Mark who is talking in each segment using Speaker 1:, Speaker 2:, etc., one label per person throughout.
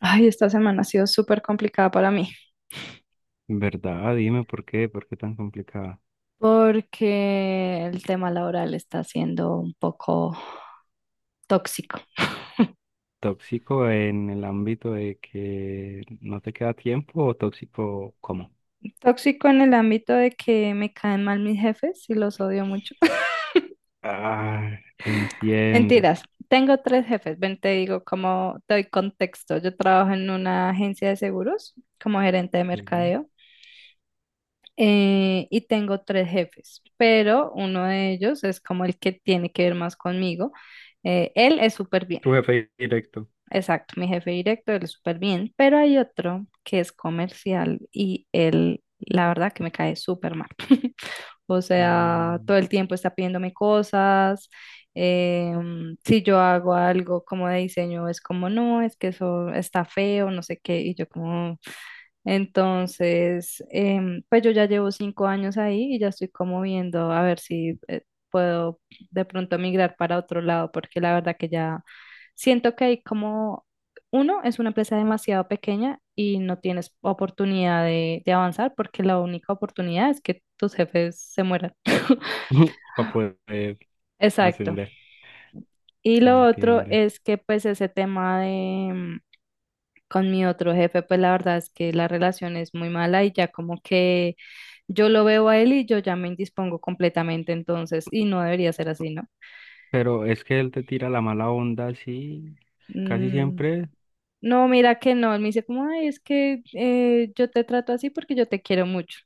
Speaker 1: Ay, esta semana ha sido súper complicada para mí
Speaker 2: ¿Verdad? Dime por qué tan complicada.
Speaker 1: porque el tema laboral está siendo un poco tóxico.
Speaker 2: ¿Tóxico en el ámbito de que no te queda tiempo o tóxico cómo?
Speaker 1: Tóxico en el ámbito de que me caen mal mis jefes y los odio mucho.
Speaker 2: Ah, entiendo.
Speaker 1: Mentiras, tengo tres jefes. Ven, te digo como te doy contexto. Yo trabajo en una agencia de seguros como gerente de
Speaker 2: Sí.
Speaker 1: mercadeo y tengo tres jefes, pero uno de ellos es como el que tiene que ver más conmigo. Él es súper bien.
Speaker 2: Tu jefe directo.
Speaker 1: Exacto, mi jefe directo, él es súper bien, pero hay otro que es comercial y él, la verdad que me cae súper mal. O sea, todo
Speaker 2: Mm.
Speaker 1: el tiempo está pidiéndome cosas. Si yo hago algo como de diseño, es como, no, es que eso está feo, no sé qué. Y yo como, entonces, pues yo ya llevo 5 años ahí y ya estoy como viendo a ver si puedo de pronto migrar para otro lado, porque la verdad que ya siento que hay como, uno, es una empresa demasiado pequeña y no tienes oportunidad de avanzar porque la única oportunidad es que tus jefes se mueran.
Speaker 2: Para poder
Speaker 1: Exacto.
Speaker 2: ascender.
Speaker 1: Y lo otro
Speaker 2: Entiende.
Speaker 1: es que pues ese tema de, con mi otro jefe, pues la verdad es que la relación es muy mala y ya como que yo lo veo a él y yo ya me indispongo completamente entonces y no debería ser así, ¿no?
Speaker 2: Pero es que él te tira la mala onda así, casi
Speaker 1: Mm,
Speaker 2: siempre.
Speaker 1: no, mira que no, él me dice como, ay, es que yo te trato así porque yo te quiero mucho.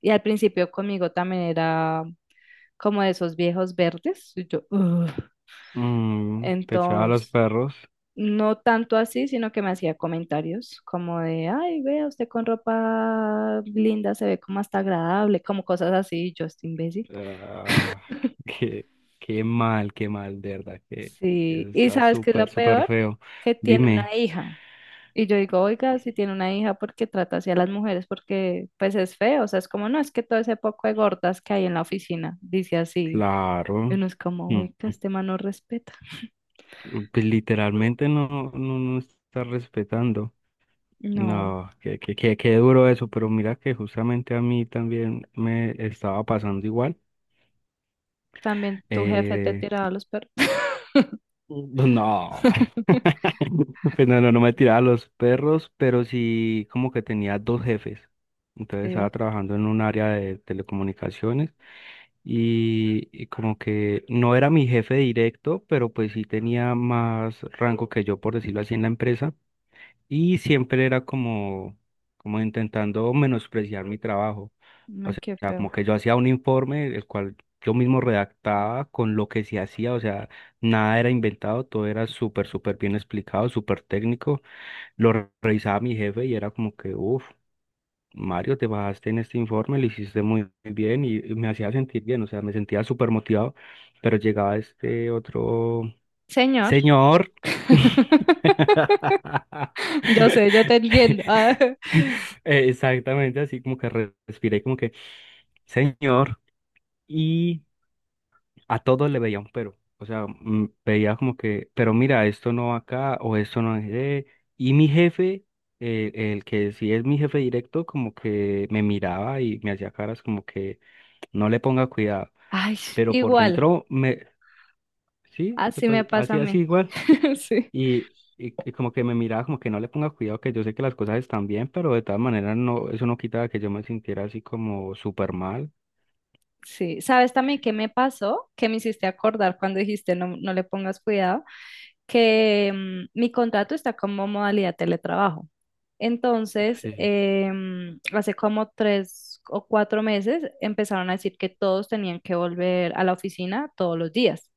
Speaker 1: Y al principio conmigo también era como de esos viejos verdes. Y yo, "Ugh".
Speaker 2: Mm, te echaba a los
Speaker 1: Entonces,
Speaker 2: perros.
Speaker 1: no tanto así, sino que me hacía comentarios como de, ay, vea, usted con ropa linda se ve como hasta agradable, como cosas así, y yo estoy imbécil.
Speaker 2: Ah, qué, qué mal, de verdad, que eso
Speaker 1: Sí, y
Speaker 2: está
Speaker 1: ¿sabes qué es
Speaker 2: súper,
Speaker 1: lo
Speaker 2: súper
Speaker 1: peor?
Speaker 2: feo.
Speaker 1: Que tiene una
Speaker 2: Dime,
Speaker 1: hija. Y yo digo, oiga, si tiene una hija, ¿por qué trata así a las mujeres? Porque pues es feo, o sea, es como, no, es que todo ese poco de gordas que hay en la oficina, dice así. Y
Speaker 2: claro,
Speaker 1: uno es como,
Speaker 2: mm,
Speaker 1: oiga, este man no respeta.
Speaker 2: mm, pues literalmente no, no, no está respetando.
Speaker 1: No,
Speaker 2: No, qué, qué, qué, qué duro eso, pero mira que justamente a mí también me estaba pasando igual.
Speaker 1: también tu jefe te
Speaker 2: Eh,
Speaker 1: tiraba los perros.
Speaker 2: no. Pues no, no, no me tiraba a los perros, pero sí como que tenía dos jefes. Entonces estaba
Speaker 1: Sí,
Speaker 2: trabajando en un área de telecomunicaciones y como que no era mi jefe directo, pero pues sí tenía más rango que yo, por decirlo así, en la empresa y siempre era como, como intentando menospreciar mi trabajo. O
Speaker 1: no, qué
Speaker 2: sea, como
Speaker 1: feo.
Speaker 2: que yo hacía un informe, el cual yo mismo redactaba con lo que se hacía, o sea, nada era inventado, todo era súper, súper bien explicado, súper técnico. Revisaba mi jefe y era como que, uff, Mario, te bajaste en este informe, lo hiciste muy bien y me hacía sentir bien, o sea, me sentía súper motivado, pero llegaba este otro
Speaker 1: Señor.
Speaker 2: señor.
Speaker 1: Yo sé, yo te entiendo. Ah,
Speaker 2: Exactamente, así como que respiré como que, señor, y a todos le veía un pero, o sea, mm, veía como que, pero mira, esto no va acá o esto no es de... Y mi jefe, el que sí es mi jefe directo, como que me miraba y me hacía caras como que no le ponga cuidado,
Speaker 1: ay,
Speaker 2: pero por
Speaker 1: igual,
Speaker 2: dentro me, sí,
Speaker 1: así
Speaker 2: pues,
Speaker 1: me pasa a
Speaker 2: así, así
Speaker 1: mí.
Speaker 2: igual.
Speaker 1: Sí,
Speaker 2: Y, y como que me miraba como que no le ponga cuidado, que yo sé que las cosas están bien, pero de todas maneras no, eso no quitaba que yo me sintiera así como súper mal.
Speaker 1: sí. ¿Sabes también qué me pasó? Que me hiciste acordar cuando dijiste no, no le pongas cuidado, que mi contrato está como modalidad teletrabajo. Entonces,
Speaker 2: Sí.
Speaker 1: hace como 3 o 4 meses empezaron a decir que todos tenían que volver a la oficina todos los días.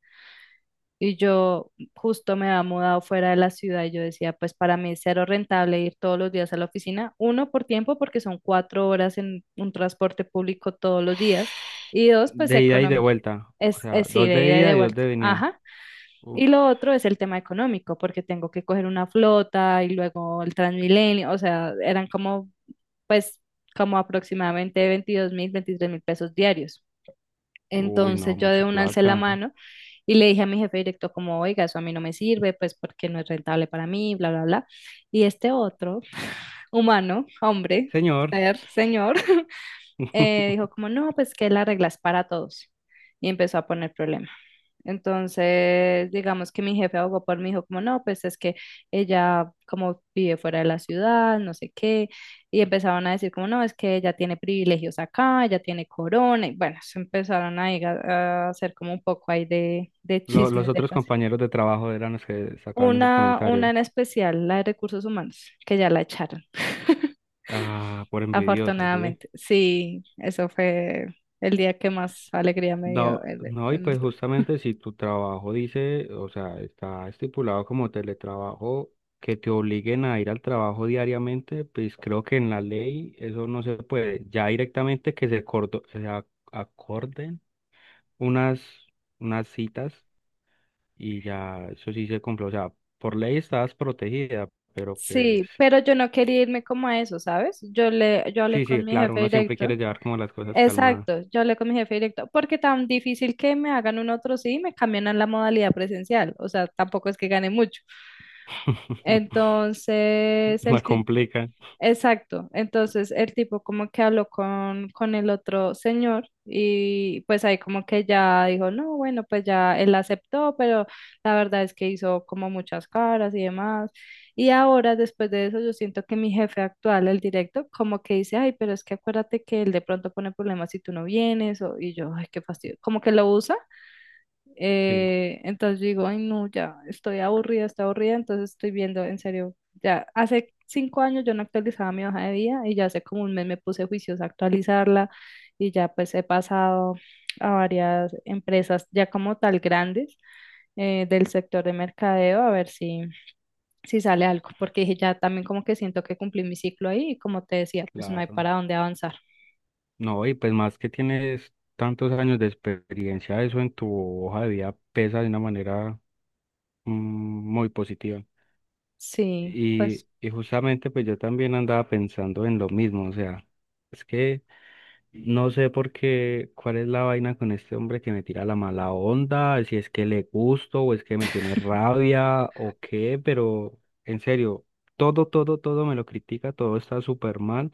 Speaker 1: Y yo justo me había mudado fuera de la ciudad y yo decía, pues para mí es cero rentable ir todos los días a la oficina. Uno, por tiempo, porque son 4 horas en un transporte público todos los días. Y dos, pues
Speaker 2: De ida y de
Speaker 1: económico.
Speaker 2: vuelta. O
Speaker 1: Es,
Speaker 2: sea,
Speaker 1: es sí,
Speaker 2: dos
Speaker 1: de
Speaker 2: de
Speaker 1: ida y de
Speaker 2: ida y dos
Speaker 1: vuelta.
Speaker 2: de venida.
Speaker 1: Ajá.
Speaker 2: Uf,
Speaker 1: Y lo otro es el tema económico, porque tengo que coger una flota y luego el Transmilenio. O sea, eran como, pues, como aproximadamente 22.000, 23.000 pesos diarios.
Speaker 2: uy, no,
Speaker 1: Entonces yo de
Speaker 2: mucha
Speaker 1: una alcé la
Speaker 2: plata.
Speaker 1: mano y le dije a mi jefe directo como, oiga, eso a mí no me sirve, pues porque no es rentable para mí, bla, bla, bla. Y este otro humano, hombre,
Speaker 2: Señor.
Speaker 1: ser, señor, dijo como, no, pues que las reglas para todos. Y empezó a poner problemas. Entonces, digamos que mi jefe abogó por mí, dijo como no, pues es que ella como vive fuera de la ciudad, no sé qué, y empezaron a decir como no, es que ella tiene privilegios acá, ella tiene corona, y bueno, se empezaron a, ir a hacer como un poco ahí de
Speaker 2: Los
Speaker 1: chismes de
Speaker 2: otros
Speaker 1: pase.
Speaker 2: compañeros de trabajo eran los que sacaban esos
Speaker 1: Una
Speaker 2: comentarios.
Speaker 1: en especial, la de recursos humanos, que ya la echaron,
Speaker 2: Ah, por envidiosos, ¿sí?
Speaker 1: afortunadamente. Sí, eso fue el día que más alegría me
Speaker 2: No,
Speaker 1: dio.
Speaker 2: y pues justamente si tu trabajo dice, o sea, está estipulado como teletrabajo, que te obliguen a ir al trabajo diariamente, pues creo que en la ley eso no se puede. Ya directamente que se, acorden unas, unas citas y ya eso sí se cumple. O sea, por ley estás protegida, pero pues
Speaker 1: Sí, pero yo no quería irme como a eso, ¿sabes? Yo hablé
Speaker 2: sí, sí,
Speaker 1: con mi
Speaker 2: claro,
Speaker 1: jefe
Speaker 2: uno siempre
Speaker 1: directo.
Speaker 2: quiere llevar como las cosas calmadas.
Speaker 1: Exacto, yo hablé con mi jefe directo, porque tan difícil que me hagan un otro sí y me cambian a la modalidad presencial, o sea, tampoco es que gane mucho. Entonces,
Speaker 2: La
Speaker 1: el
Speaker 2: complican,
Speaker 1: Exacto. Entonces el tipo como que habló con el otro señor y pues ahí como que ya dijo, no, bueno, pues ya él aceptó, pero la verdad es que hizo como muchas caras y demás. Y ahora después de eso yo siento que mi jefe actual, el directo, como que dice, ay, pero es que acuérdate que él de pronto pone problemas si tú no vienes o, y yo, ay, qué fastidio, como que lo usa
Speaker 2: sí,
Speaker 1: entonces yo digo, ay, no, ya estoy aburrida, entonces estoy viendo, en serio, ya hace 5 años yo no actualizaba mi hoja de vida y ya hace como un mes me puse juiciosa a actualizarla y ya pues he pasado a varias empresas ya como tal grandes del sector de mercadeo a ver si sale algo, porque dije, ya también como que siento que cumplí mi ciclo ahí y como te decía, pues no hay
Speaker 2: claro.
Speaker 1: para dónde avanzar.
Speaker 2: No, y pues más que tienes tantos años de experiencia, eso en tu hoja de vida pesa de una manera mm, muy positiva.
Speaker 1: Sí,
Speaker 2: Y,
Speaker 1: pues
Speaker 2: justamente pues yo también andaba pensando en lo mismo, o sea, es que no sé por qué, cuál es la vaina con este hombre que me tira la mala onda, si es que le gusto o es que me tiene rabia o qué, pero en serio, todo, todo, todo me lo critica, todo está súper mal.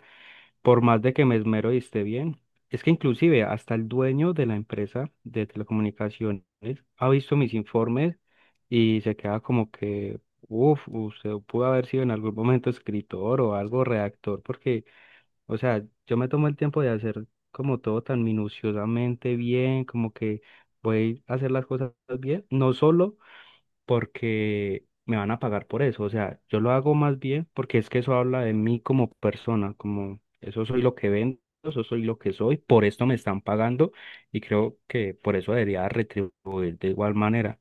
Speaker 2: Por más de que me esmero y esté bien, es que inclusive hasta el dueño de la empresa de telecomunicaciones ha visto mis informes y se queda como que, uff, usted pudo haber sido en algún momento escritor o algo redactor, porque, o sea, yo me tomo el tiempo de hacer como todo tan minuciosamente bien, como que voy a hacer las cosas bien, no solo porque me van a pagar por eso. O sea, yo lo hago más bien porque es que eso habla de mí como persona, como eso soy lo que vendo, eso soy lo que soy, por esto me están pagando y creo que por eso debería retribuir de igual manera.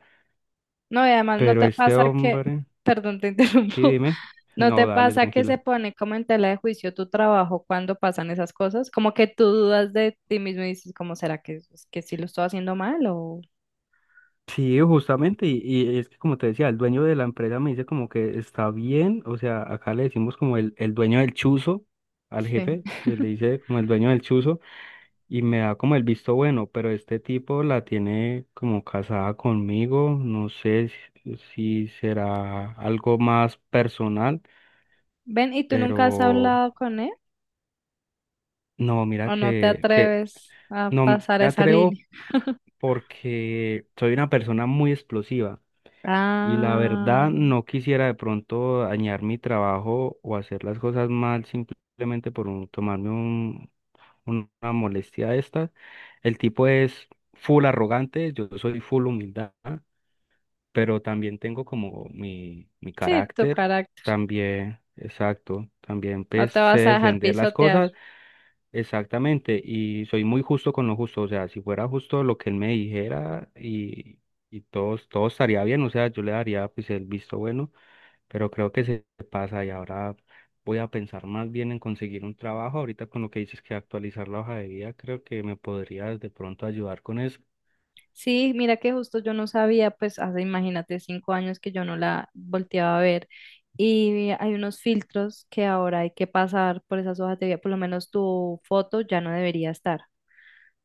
Speaker 1: no, y además no
Speaker 2: Pero
Speaker 1: te
Speaker 2: este
Speaker 1: pasa que,
Speaker 2: hombre,
Speaker 1: perdón, te
Speaker 2: sí,
Speaker 1: interrumpo.
Speaker 2: dime,
Speaker 1: ¿No te
Speaker 2: no, dale,
Speaker 1: pasa que se
Speaker 2: tranquila.
Speaker 1: pone como en tela de juicio tu trabajo cuando pasan esas cosas? Como que tú dudas de ti mismo y dices, ¿cómo será que sí lo estoy haciendo mal o
Speaker 2: Sí, justamente, y, es que como te decía, el dueño de la empresa me dice como que está bien, o sea, acá le decimos como el dueño del chuzo al
Speaker 1: sí?
Speaker 2: jefe, le dice como el dueño del chuzo, y me da como el visto bueno, pero este tipo la tiene como casada conmigo, no sé si, si será algo más personal,
Speaker 1: Ven, ¿y tú nunca has
Speaker 2: pero
Speaker 1: hablado con él
Speaker 2: no, mira
Speaker 1: o no te
Speaker 2: que,
Speaker 1: atreves a
Speaker 2: no me
Speaker 1: pasar esa
Speaker 2: atrevo
Speaker 1: línea?
Speaker 2: porque soy una persona muy explosiva y la
Speaker 1: Ah,
Speaker 2: verdad no quisiera de pronto dañar mi trabajo o hacer las cosas mal simplemente por tomarme una molestia de estas. El tipo es full arrogante, yo soy full humildad, pero también tengo como mi,
Speaker 1: sí, tu
Speaker 2: carácter,
Speaker 1: carácter.
Speaker 2: también, exacto, también
Speaker 1: No
Speaker 2: pues
Speaker 1: te
Speaker 2: sé
Speaker 1: vas a dejar
Speaker 2: defender las
Speaker 1: pisotear.
Speaker 2: cosas exactamente y soy muy justo con lo justo, o sea, si fuera justo lo que él me dijera y todo, todo estaría bien, o sea, yo le daría pues el visto bueno pero creo que se pasa y ahora voy a pensar más bien en conseguir un trabajo. Ahorita con lo que dices que actualizar la hoja de vida, creo que me podrías de pronto ayudar con eso.
Speaker 1: Sí, mira que justo yo no sabía, pues hace, imagínate, 5 años que yo no la volteaba a ver. Y hay unos filtros que ahora hay que pasar por esas hojas de vida, por lo menos tu foto ya no debería estar.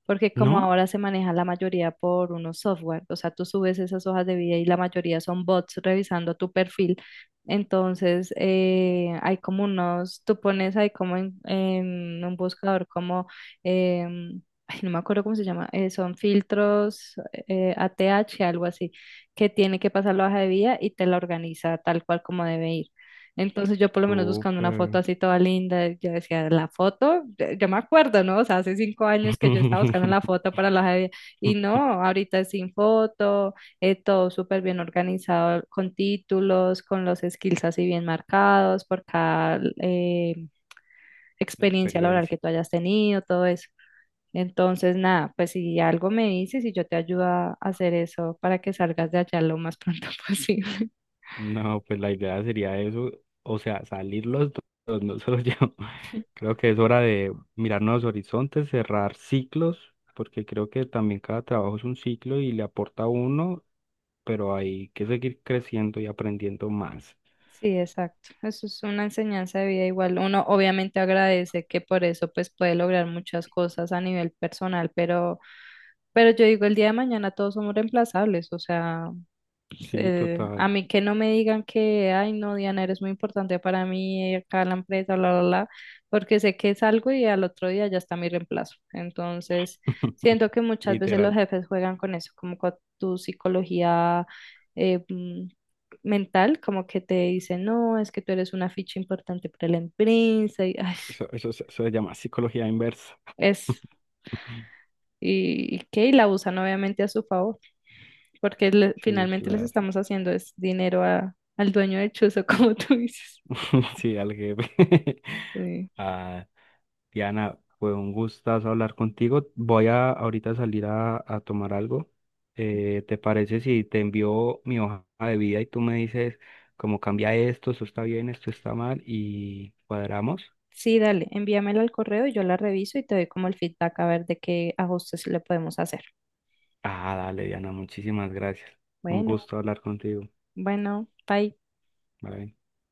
Speaker 1: Porque como
Speaker 2: ¿No?
Speaker 1: ahora se maneja la mayoría por unos software, o sea, tú subes esas hojas de vida y la mayoría son bots revisando tu perfil, entonces hay como unos, tú pones ahí como en, un buscador como, ay, no me acuerdo cómo se llama, son filtros ATH algo así, que tiene que pasar la hoja de vida y te la organiza tal cual como debe ir. Entonces yo por lo menos buscando una foto
Speaker 2: Súper.
Speaker 1: así toda linda, yo decía, la foto, yo me acuerdo, ¿no? O sea, hace 5 años que yo estaba buscando la foto para la Javier y no, ahorita es sin foto, todo súper bien organizado, con títulos, con los skills así bien marcados por cada
Speaker 2: La
Speaker 1: experiencia laboral
Speaker 2: experiencia.
Speaker 1: que tú hayas tenido, todo eso. Entonces, nada, pues si algo me dices y yo te ayudo a hacer eso para que salgas de allá lo más pronto posible.
Speaker 2: No, pues la idea sería eso, o sea, salir los dos, no solo yo. Creo que es hora de mirar nuevos horizontes, cerrar ciclos, porque creo que también cada trabajo es un ciclo y le aporta a uno, pero hay que seguir creciendo y aprendiendo más.
Speaker 1: Sí, exacto. Eso es una enseñanza de vida igual. Uno obviamente agradece que por eso pues puede lograr muchas cosas a nivel personal, pero yo digo, el día de mañana todos somos reemplazables, o sea,
Speaker 2: Sí,
Speaker 1: a
Speaker 2: total.
Speaker 1: mí que no me digan que, ay, no, Diana, eres muy importante para mí, acá en la empresa, bla, bla, bla, porque sé que es algo y al otro día ya está mi reemplazo. Entonces, siento que muchas veces
Speaker 2: Literal.
Speaker 1: los jefes juegan con eso, como con tu psicología eh, mm, mental, como que te dicen, no, es que tú eres una ficha importante para la empresa, y ay,
Speaker 2: Eso, eso se llama psicología inversa.
Speaker 1: es, y que, y la usan obviamente a su favor, porque
Speaker 2: Sí,
Speaker 1: finalmente les
Speaker 2: claro.
Speaker 1: estamos haciendo es dinero a al dueño del chuzo, como tú dices.
Speaker 2: Sí, al jefe.
Speaker 1: Sí.
Speaker 2: Ah, Diana, fue un gustazo hablar contigo. Voy a ahorita salir a tomar algo. ¿Te parece si te envío mi hoja de vida y tú me dices cómo cambia esto, esto está bien, esto está mal y cuadramos?
Speaker 1: Sí, dale, envíamela al correo y yo la reviso y te doy como el feedback a ver de qué ajustes le podemos hacer.
Speaker 2: Ah, dale, Diana, muchísimas gracias. Un
Speaker 1: Bueno,
Speaker 2: gusto hablar contigo.
Speaker 1: bueno, bye.
Speaker 2: Bye.